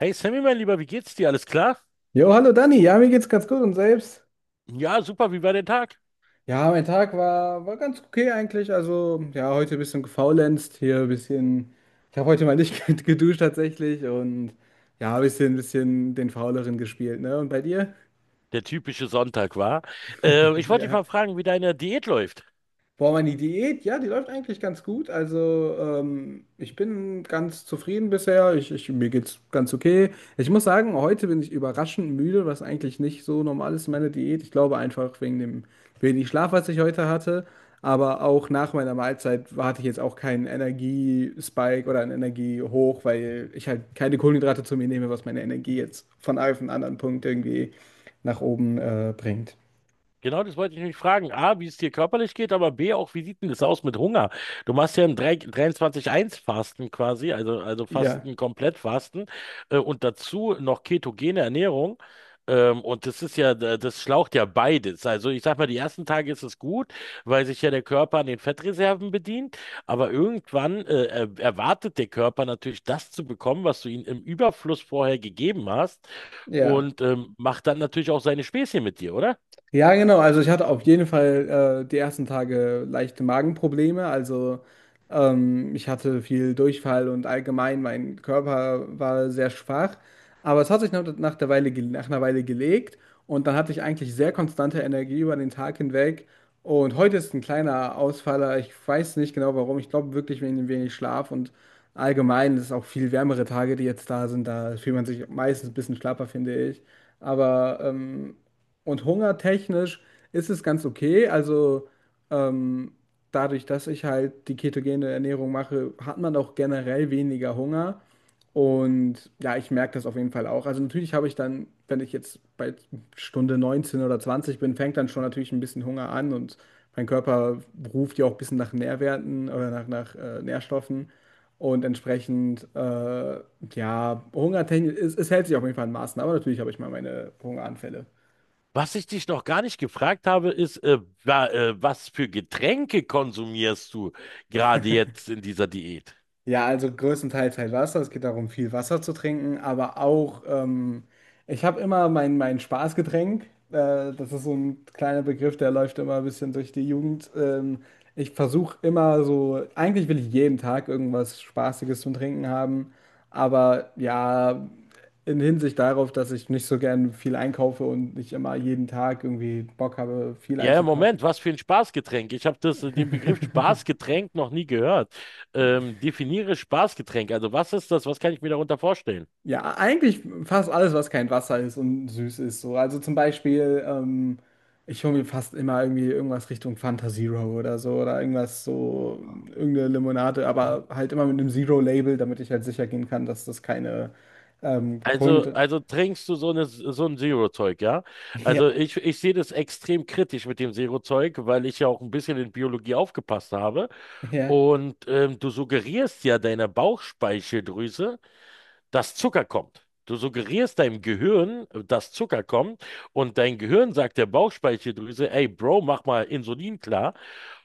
Hey Sammy, mein Lieber, wie geht's dir? Alles klar? Jo, hallo Dani, ja, mir geht's ganz gut und selbst? Ja, super, wie war der Tag? Ja, mein Tag war ganz okay eigentlich. Also, ja, heute ein bisschen gefaulenzt, hier ein bisschen. Ich habe heute mal nicht geduscht tatsächlich und ja, ein bisschen den Fauleren gespielt, ne? Und bei dir? Der typische Sonntag war. Ich wollte dich Ja. mal fragen, wie deine Diät läuft. Boah, meine Diät, ja, die läuft eigentlich ganz gut. Also, ich bin ganz zufrieden bisher. Mir geht's ganz okay. Ich muss sagen, heute bin ich überraschend müde, was eigentlich nicht so normal ist in meiner Diät. Ich glaube einfach wegen dem wenig Schlaf, was ich heute hatte. Aber auch nach meiner Mahlzeit hatte ich jetzt auch keinen Energiespike oder einen Energiehoch, weil ich halt keine Kohlenhydrate zu mir nehme, was meine Energie jetzt von einem auf den anderen Punkt irgendwie nach oben bringt. Genau, das wollte ich mich fragen. A, wie es dir körperlich geht, aber B, auch wie sieht denn das aus mit Hunger? Du machst ja ein 3 23-1-Fasten quasi, also Ja, Fasten, Komplettfasten und dazu noch ketogene Ernährung. Und das ist ja, das schlaucht ja beides. Also ich sag mal, die ersten Tage ist es gut, weil sich ja der Körper an den Fettreserven bedient, aber irgendwann erwartet der Körper natürlich das zu bekommen, was du ihm im Überfluss vorher gegeben hast ja. und macht dann natürlich auch seine Späßchen mit dir, oder? Ja, genau. Also ich hatte auf jeden Fall die ersten Tage leichte Magenprobleme. Also ich hatte viel Durchfall und allgemein mein Körper war sehr schwach. Aber es hat sich nach der Weile, nach einer Weile gelegt, und dann hatte ich eigentlich sehr konstante Energie über den Tag hinweg. Und heute ist ein kleiner Ausfaller. Ich weiß nicht genau warum. Ich glaube wirklich wegen dem wenig Schlaf, und allgemein ist es auch viel wärmere Tage, die jetzt da sind. Da fühlt man sich meistens ein bisschen schlapper, finde ich. Aber und hungertechnisch ist es ganz okay. Also ähm, dadurch, dass ich halt die ketogene Ernährung mache, hat man auch generell weniger Hunger. Und ja, ich merke das auf jeden Fall auch. Also natürlich habe ich dann, wenn ich jetzt bei Stunde 19 oder 20 bin, fängt dann schon natürlich ein bisschen Hunger an, und mein Körper ruft ja auch ein bisschen nach Nährwerten oder nach Nährstoffen. Und entsprechend, ja, hungertechnisch, es hält sich auf jeden Fall in Maßen, aber natürlich habe ich mal meine Hungeranfälle. Was ich dich noch gar nicht gefragt habe, ist, was für Getränke konsumierst du gerade jetzt in dieser Diät? Ja, also größtenteils halt Wasser. Es geht darum, viel Wasser zu trinken, aber auch, ich habe immer mein Spaßgetränk. Das ist so ein kleiner Begriff, der läuft immer ein bisschen durch die Jugend. Ich versuche immer so, eigentlich will ich jeden Tag irgendwas Spaßiges zum Trinken haben, aber ja, in Hinsicht darauf, dass ich nicht so gern viel einkaufe und nicht immer jeden Tag irgendwie Bock habe, viel Ja, einzukaufen. Moment, was für ein Spaßgetränk? Ich habe das, den Begriff Spaßgetränk noch nie gehört. Definiere Spaßgetränk. Also was ist das? Was kann ich mir darunter vorstellen? Ja, eigentlich fast alles, was kein Wasser ist und süß ist. So. Also zum Beispiel, ich hole mir fast immer irgendwie irgendwas Richtung Fanta Zero oder so oder irgendwas so, irgendeine Limonade, aber halt immer mit einem Zero-Label, damit ich halt sicher gehen kann, dass das keine Also, Kohlenhydrate. also trinkst du so eine, so ein Zero-Zeug, ja? Ja, Also ich sehe das extrem kritisch mit dem Zero-Zeug, weil ich ja auch ein bisschen in Biologie aufgepasst habe. ja. Und du suggerierst ja deiner Bauchspeicheldrüse, dass Zucker kommt. Du suggerierst deinem Gehirn, dass Zucker kommt, und dein Gehirn sagt der Bauchspeicheldrüse, ey Bro, mach mal Insulin klar.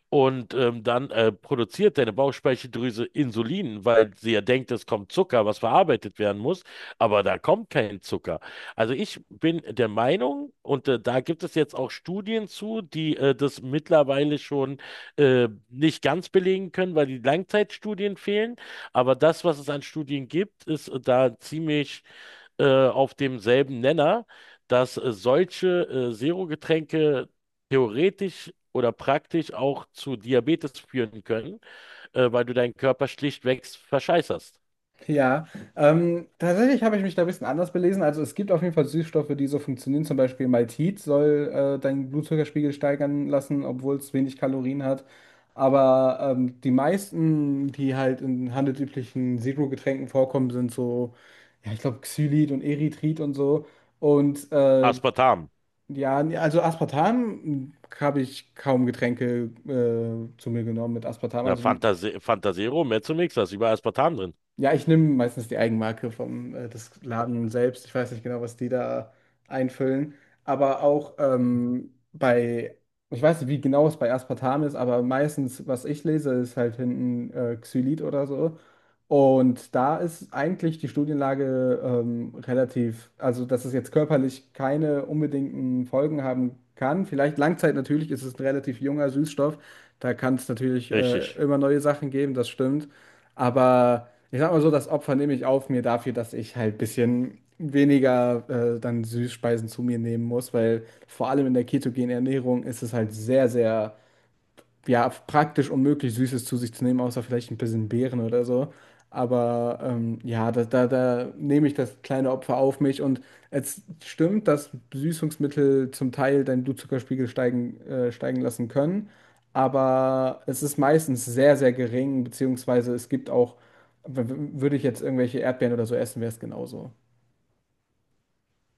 Und dann produziert deine Bauchspeicheldrüse Insulin, weil sie ja denkt, es kommt Zucker, was verarbeitet werden muss, aber da kommt kein Zucker. Also ich bin der Meinung, und da gibt es jetzt auch Studien zu, die das mittlerweile schon nicht ganz belegen können, weil die Langzeitstudien fehlen. Aber das, was es an Studien gibt, ist da ziemlich auf demselben Nenner, dass solche Zero-Getränke theoretisch oder praktisch auch zu Diabetes führen können, weil du deinen Körper schlichtweg verscheißerst. Ja, tatsächlich habe ich mich da ein bisschen anders belesen. Also es gibt auf jeden Fall Süßstoffe, die so funktionieren. Zum Beispiel Maltit soll deinen Blutzuckerspiegel steigern lassen, obwohl es wenig Kalorien hat. Aber die meisten, die halt in handelsüblichen Zero-Getränken vorkommen, sind so, ja, ich glaube, Xylit und Erythrit und so. Und Aspartam. ja, also Aspartam habe ich kaum Getränke zu mir genommen mit Aspartam. Na, Also. Fantase Fantasero, Mezzomix, da ist überall Aspartam drin. Ja, ich nehme meistens die Eigenmarke vom des Laden selbst. Ich weiß nicht genau, was die da einfüllen. Aber auch, ich weiß nicht, wie genau es bei Aspartam ist, aber meistens, was ich lese, ist halt hinten Xylit oder so. Und da ist eigentlich die Studienlage relativ, also dass es jetzt körperlich keine unbedingten Folgen haben kann. Vielleicht Langzeit natürlich ist es ein relativ junger Süßstoff. Da kann es natürlich Richtig. immer neue Sachen geben, das stimmt. Aber ich sag mal so, das Opfer nehme ich auf mir dafür, dass ich halt ein bisschen weniger dann Süßspeisen zu mir nehmen muss, weil vor allem in der ketogenen Ernährung ist es halt sehr, sehr ja, praktisch unmöglich, Süßes zu sich zu nehmen, außer vielleicht ein bisschen Beeren oder so. Aber ja, da nehme ich das kleine Opfer auf mich. Und es stimmt, dass Süßungsmittel zum Teil deinen Blutzuckerspiegel steigen lassen können. Aber es ist meistens sehr, sehr gering, beziehungsweise es gibt auch, würde ich jetzt irgendwelche Erdbeeren oder so essen, wäre es genauso.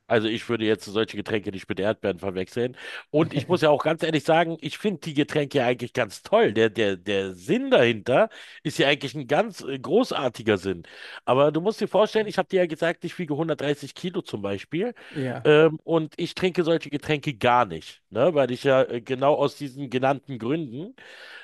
Also ich würde jetzt solche Getränke nicht mit Erdbeeren verwechseln. Und ich muss ja auch ganz ehrlich sagen, ich finde die Getränke ja eigentlich ganz toll. Der Sinn dahinter ist ja eigentlich ein ganz großartiger Sinn. Aber du musst dir vorstellen, ich habe dir ja gesagt, ich wiege 130 Kilo zum Beispiel. Ja. Und ich trinke solche Getränke gar nicht, ne? Weil ich ja genau aus diesen genannten Gründen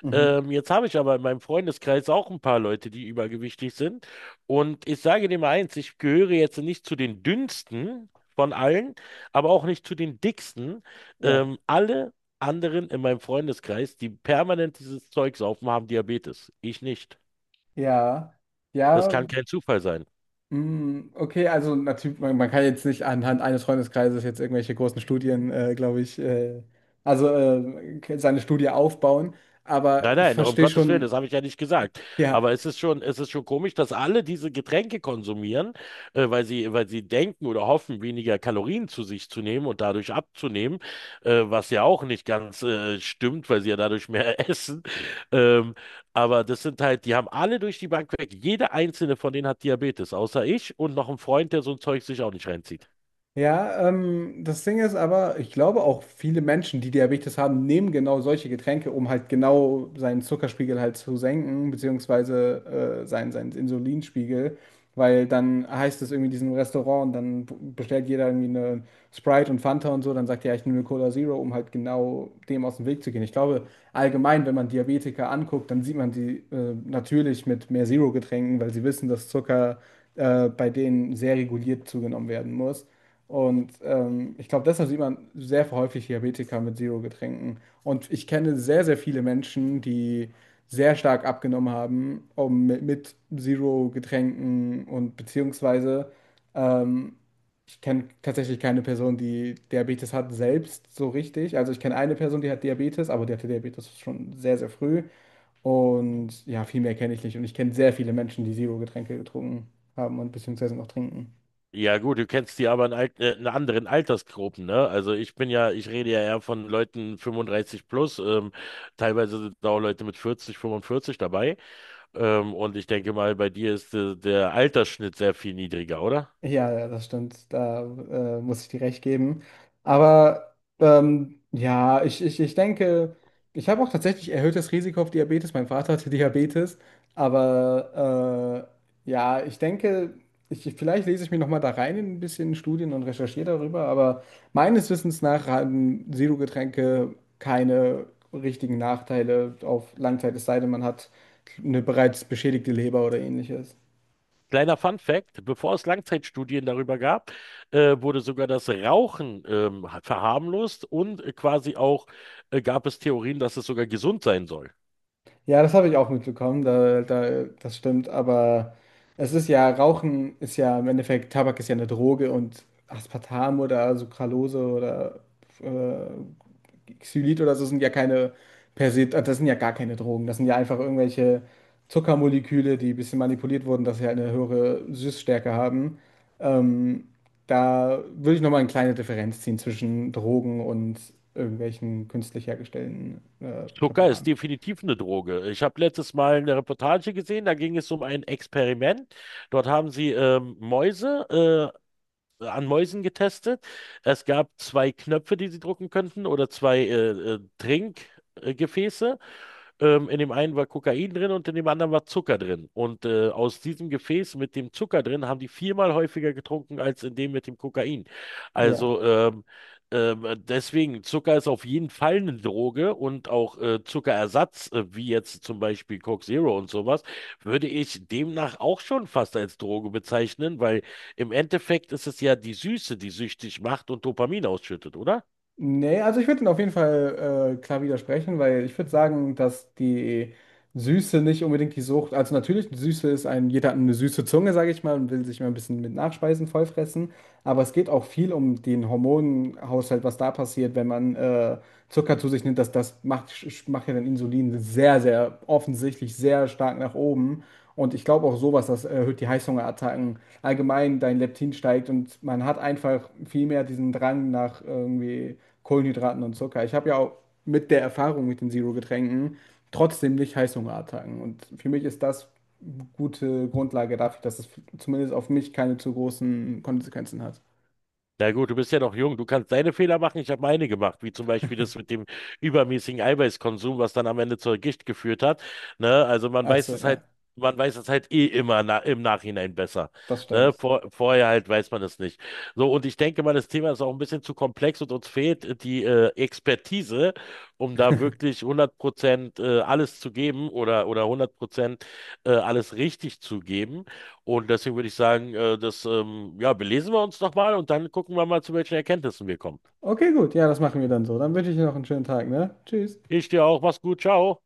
Mhm. Jetzt habe ich aber in meinem Freundeskreis auch ein paar Leute, die übergewichtig sind. Und ich sage dir mal eins, ich gehöre jetzt nicht zu den dünnsten von allen, aber auch nicht zu den dicksten. Ja. Alle anderen in meinem Freundeskreis, die permanent dieses Zeugs saufen, haben Diabetes. Ich nicht. Ja. Das Ja. kann kein Zufall sein. Mm, okay, also natürlich, man kann jetzt nicht anhand eines Freundeskreises jetzt irgendwelche großen Studien, glaube ich, also seine Studie aufbauen, aber Nein, ich nein, um verstehe Gottes Willen, das schon, habe ich ja nicht gesagt. ja. Aber es ist schon komisch, dass alle diese Getränke konsumieren, weil sie denken oder hoffen, weniger Kalorien zu sich zu nehmen und dadurch abzunehmen, was ja auch nicht ganz stimmt, weil sie ja dadurch mehr essen. Ähm, aber das sind halt, die haben alle durch die Bank weg. Jeder einzelne von denen hat Diabetes, außer ich und noch ein Freund, der so ein Zeug sich auch nicht reinzieht. Ja, das Ding ist aber, ich glaube auch viele Menschen, die Diabetes haben, nehmen genau solche Getränke, um halt genau seinen Zuckerspiegel halt zu senken, beziehungsweise seinen Insulinspiegel, weil dann heißt es irgendwie in diesem Restaurant, und dann bestellt jeder irgendwie eine Sprite und Fanta und so, dann sagt er, ja, ich nehme Cola Zero, um halt genau dem aus dem Weg zu gehen. Ich glaube, allgemein, wenn man Diabetiker anguckt, dann sieht man die natürlich mit mehr Zero-Getränken, weil sie wissen, dass Zucker bei denen sehr reguliert zugenommen werden muss. Und ich glaube, deshalb sieht man sehr häufig Diabetiker mit Zero-Getränken. Und ich kenne sehr, sehr viele Menschen, die sehr stark abgenommen haben, um mit Zero-Getränken und beziehungsweise ähm, ich kenne tatsächlich keine Person, die Diabetes hat, selbst so richtig. Also ich kenne eine Person, die hat Diabetes, aber die hatte Diabetes schon sehr, sehr früh. Und ja, viel mehr kenne ich nicht. Und ich kenne sehr viele Menschen, die Zero-Getränke getrunken haben und beziehungsweise noch trinken. Ja gut, du kennst die aber in, alt, in anderen Altersgruppen, ne? Also ich rede ja eher von Leuten 35 plus, teilweise sind da auch Leute mit 40, 45 dabei. Und ich denke mal, bei dir ist der Altersschnitt sehr viel niedriger, oder? Ja, ja, das stimmt. Da muss ich dir recht geben. Aber ja, ich denke, ich habe auch tatsächlich erhöhtes Risiko auf Diabetes. Mein Vater hatte Diabetes. Aber ja, ich denke, vielleicht lese ich mich nochmal da rein in ein bisschen Studien und recherchiere darüber. Aber meines Wissens nach haben Zero-Getränke keine richtigen Nachteile auf Langzeit, es sei denn, man hat eine bereits beschädigte Leber oder ähnliches. Kleiner Fun Fact, bevor es Langzeitstudien darüber gab, wurde sogar das Rauchen verharmlost und quasi auch gab es Theorien, dass es sogar gesund sein soll. Ja, das habe ich auch mitbekommen, das stimmt, aber Rauchen ist ja im Endeffekt, Tabak ist ja eine Droge, und Aspartam oder Sucralose oder äh, Xylit oder so sind ja keine per se, das sind ja gar keine Drogen, das sind ja einfach irgendwelche Zuckermoleküle, die ein bisschen manipuliert wurden, dass sie halt eine höhere Süßstärke haben. Ähm, da würde ich nochmal eine kleine Differenz ziehen zwischen Drogen und irgendwelchen künstlich hergestellten Zucker ist Präparaten. definitiv eine Droge. Ich habe letztes Mal eine Reportage gesehen, da ging es um ein Experiment. Dort haben sie Mäuse an Mäusen getestet. Es gab zwei Knöpfe, die sie drücken könnten, oder zwei Trinkgefäße. In dem einen war Kokain drin und in dem anderen war Zucker drin. Und aus diesem Gefäß mit dem Zucker drin haben die viermal häufiger getrunken als in dem mit dem Kokain. Ja. Also ähm, deswegen, Zucker ist auf jeden Fall eine Droge und auch Zuckerersatz, wie jetzt zum Beispiel Coke Zero und sowas, würde ich demnach auch schon fast als Droge bezeichnen, weil im Endeffekt ist es ja die Süße, die süchtig macht und Dopamin ausschüttet, oder? Nee, also ich würde ihn auf jeden Fall klar widersprechen, weil ich würde sagen, dass die Süße nicht unbedingt die Sucht, also natürlich, die Süße ist ein, jeder hat eine süße Zunge, sage ich mal, und will sich mal ein bisschen mit Nachspeisen vollfressen, aber es geht auch viel um den Hormonhaushalt, was da passiert, wenn man Zucker zu sich nimmt, das, macht ja dann Insulin sehr, sehr offensichtlich sehr stark nach oben. Und ich glaube auch sowas, das erhöht die Heißhungerattacken. Allgemein dein Leptin steigt, und man hat einfach viel mehr diesen Drang nach irgendwie Kohlenhydraten und Zucker. Ich habe ja auch mit der Erfahrung mit den Zero-Getränken trotzdem nicht Heißhungerattacken. Und für mich ist das eine gute Grundlage dafür, dass es zumindest auf mich keine zu großen Konsequenzen hat. Na gut, du bist ja noch jung. Du kannst deine Fehler machen. Ich habe meine gemacht, wie zum Beispiel das mit dem übermäßigen Eiweißkonsum, was dann am Ende zur Gicht geführt hat. Ne? Also man weiß Also es halt, ja, man weiß es halt eh immer na im Nachhinein besser. das Ne? stimmt. Vor vorher halt weiß man es nicht. So, und ich denke mal, das Thema ist auch ein bisschen zu komplex und uns fehlt die Expertise, um da wirklich 100% alles zu geben oder 100% alles richtig zu geben. Und deswegen würde ich sagen, ja, belesen wir uns doch mal und dann gucken wir mal, zu welchen Erkenntnissen wir kommen. Okay, gut, ja, das machen wir dann so. Dann wünsche ich dir noch einen schönen Tag, ne? Tschüss. Ich dir auch, mach's gut, ciao.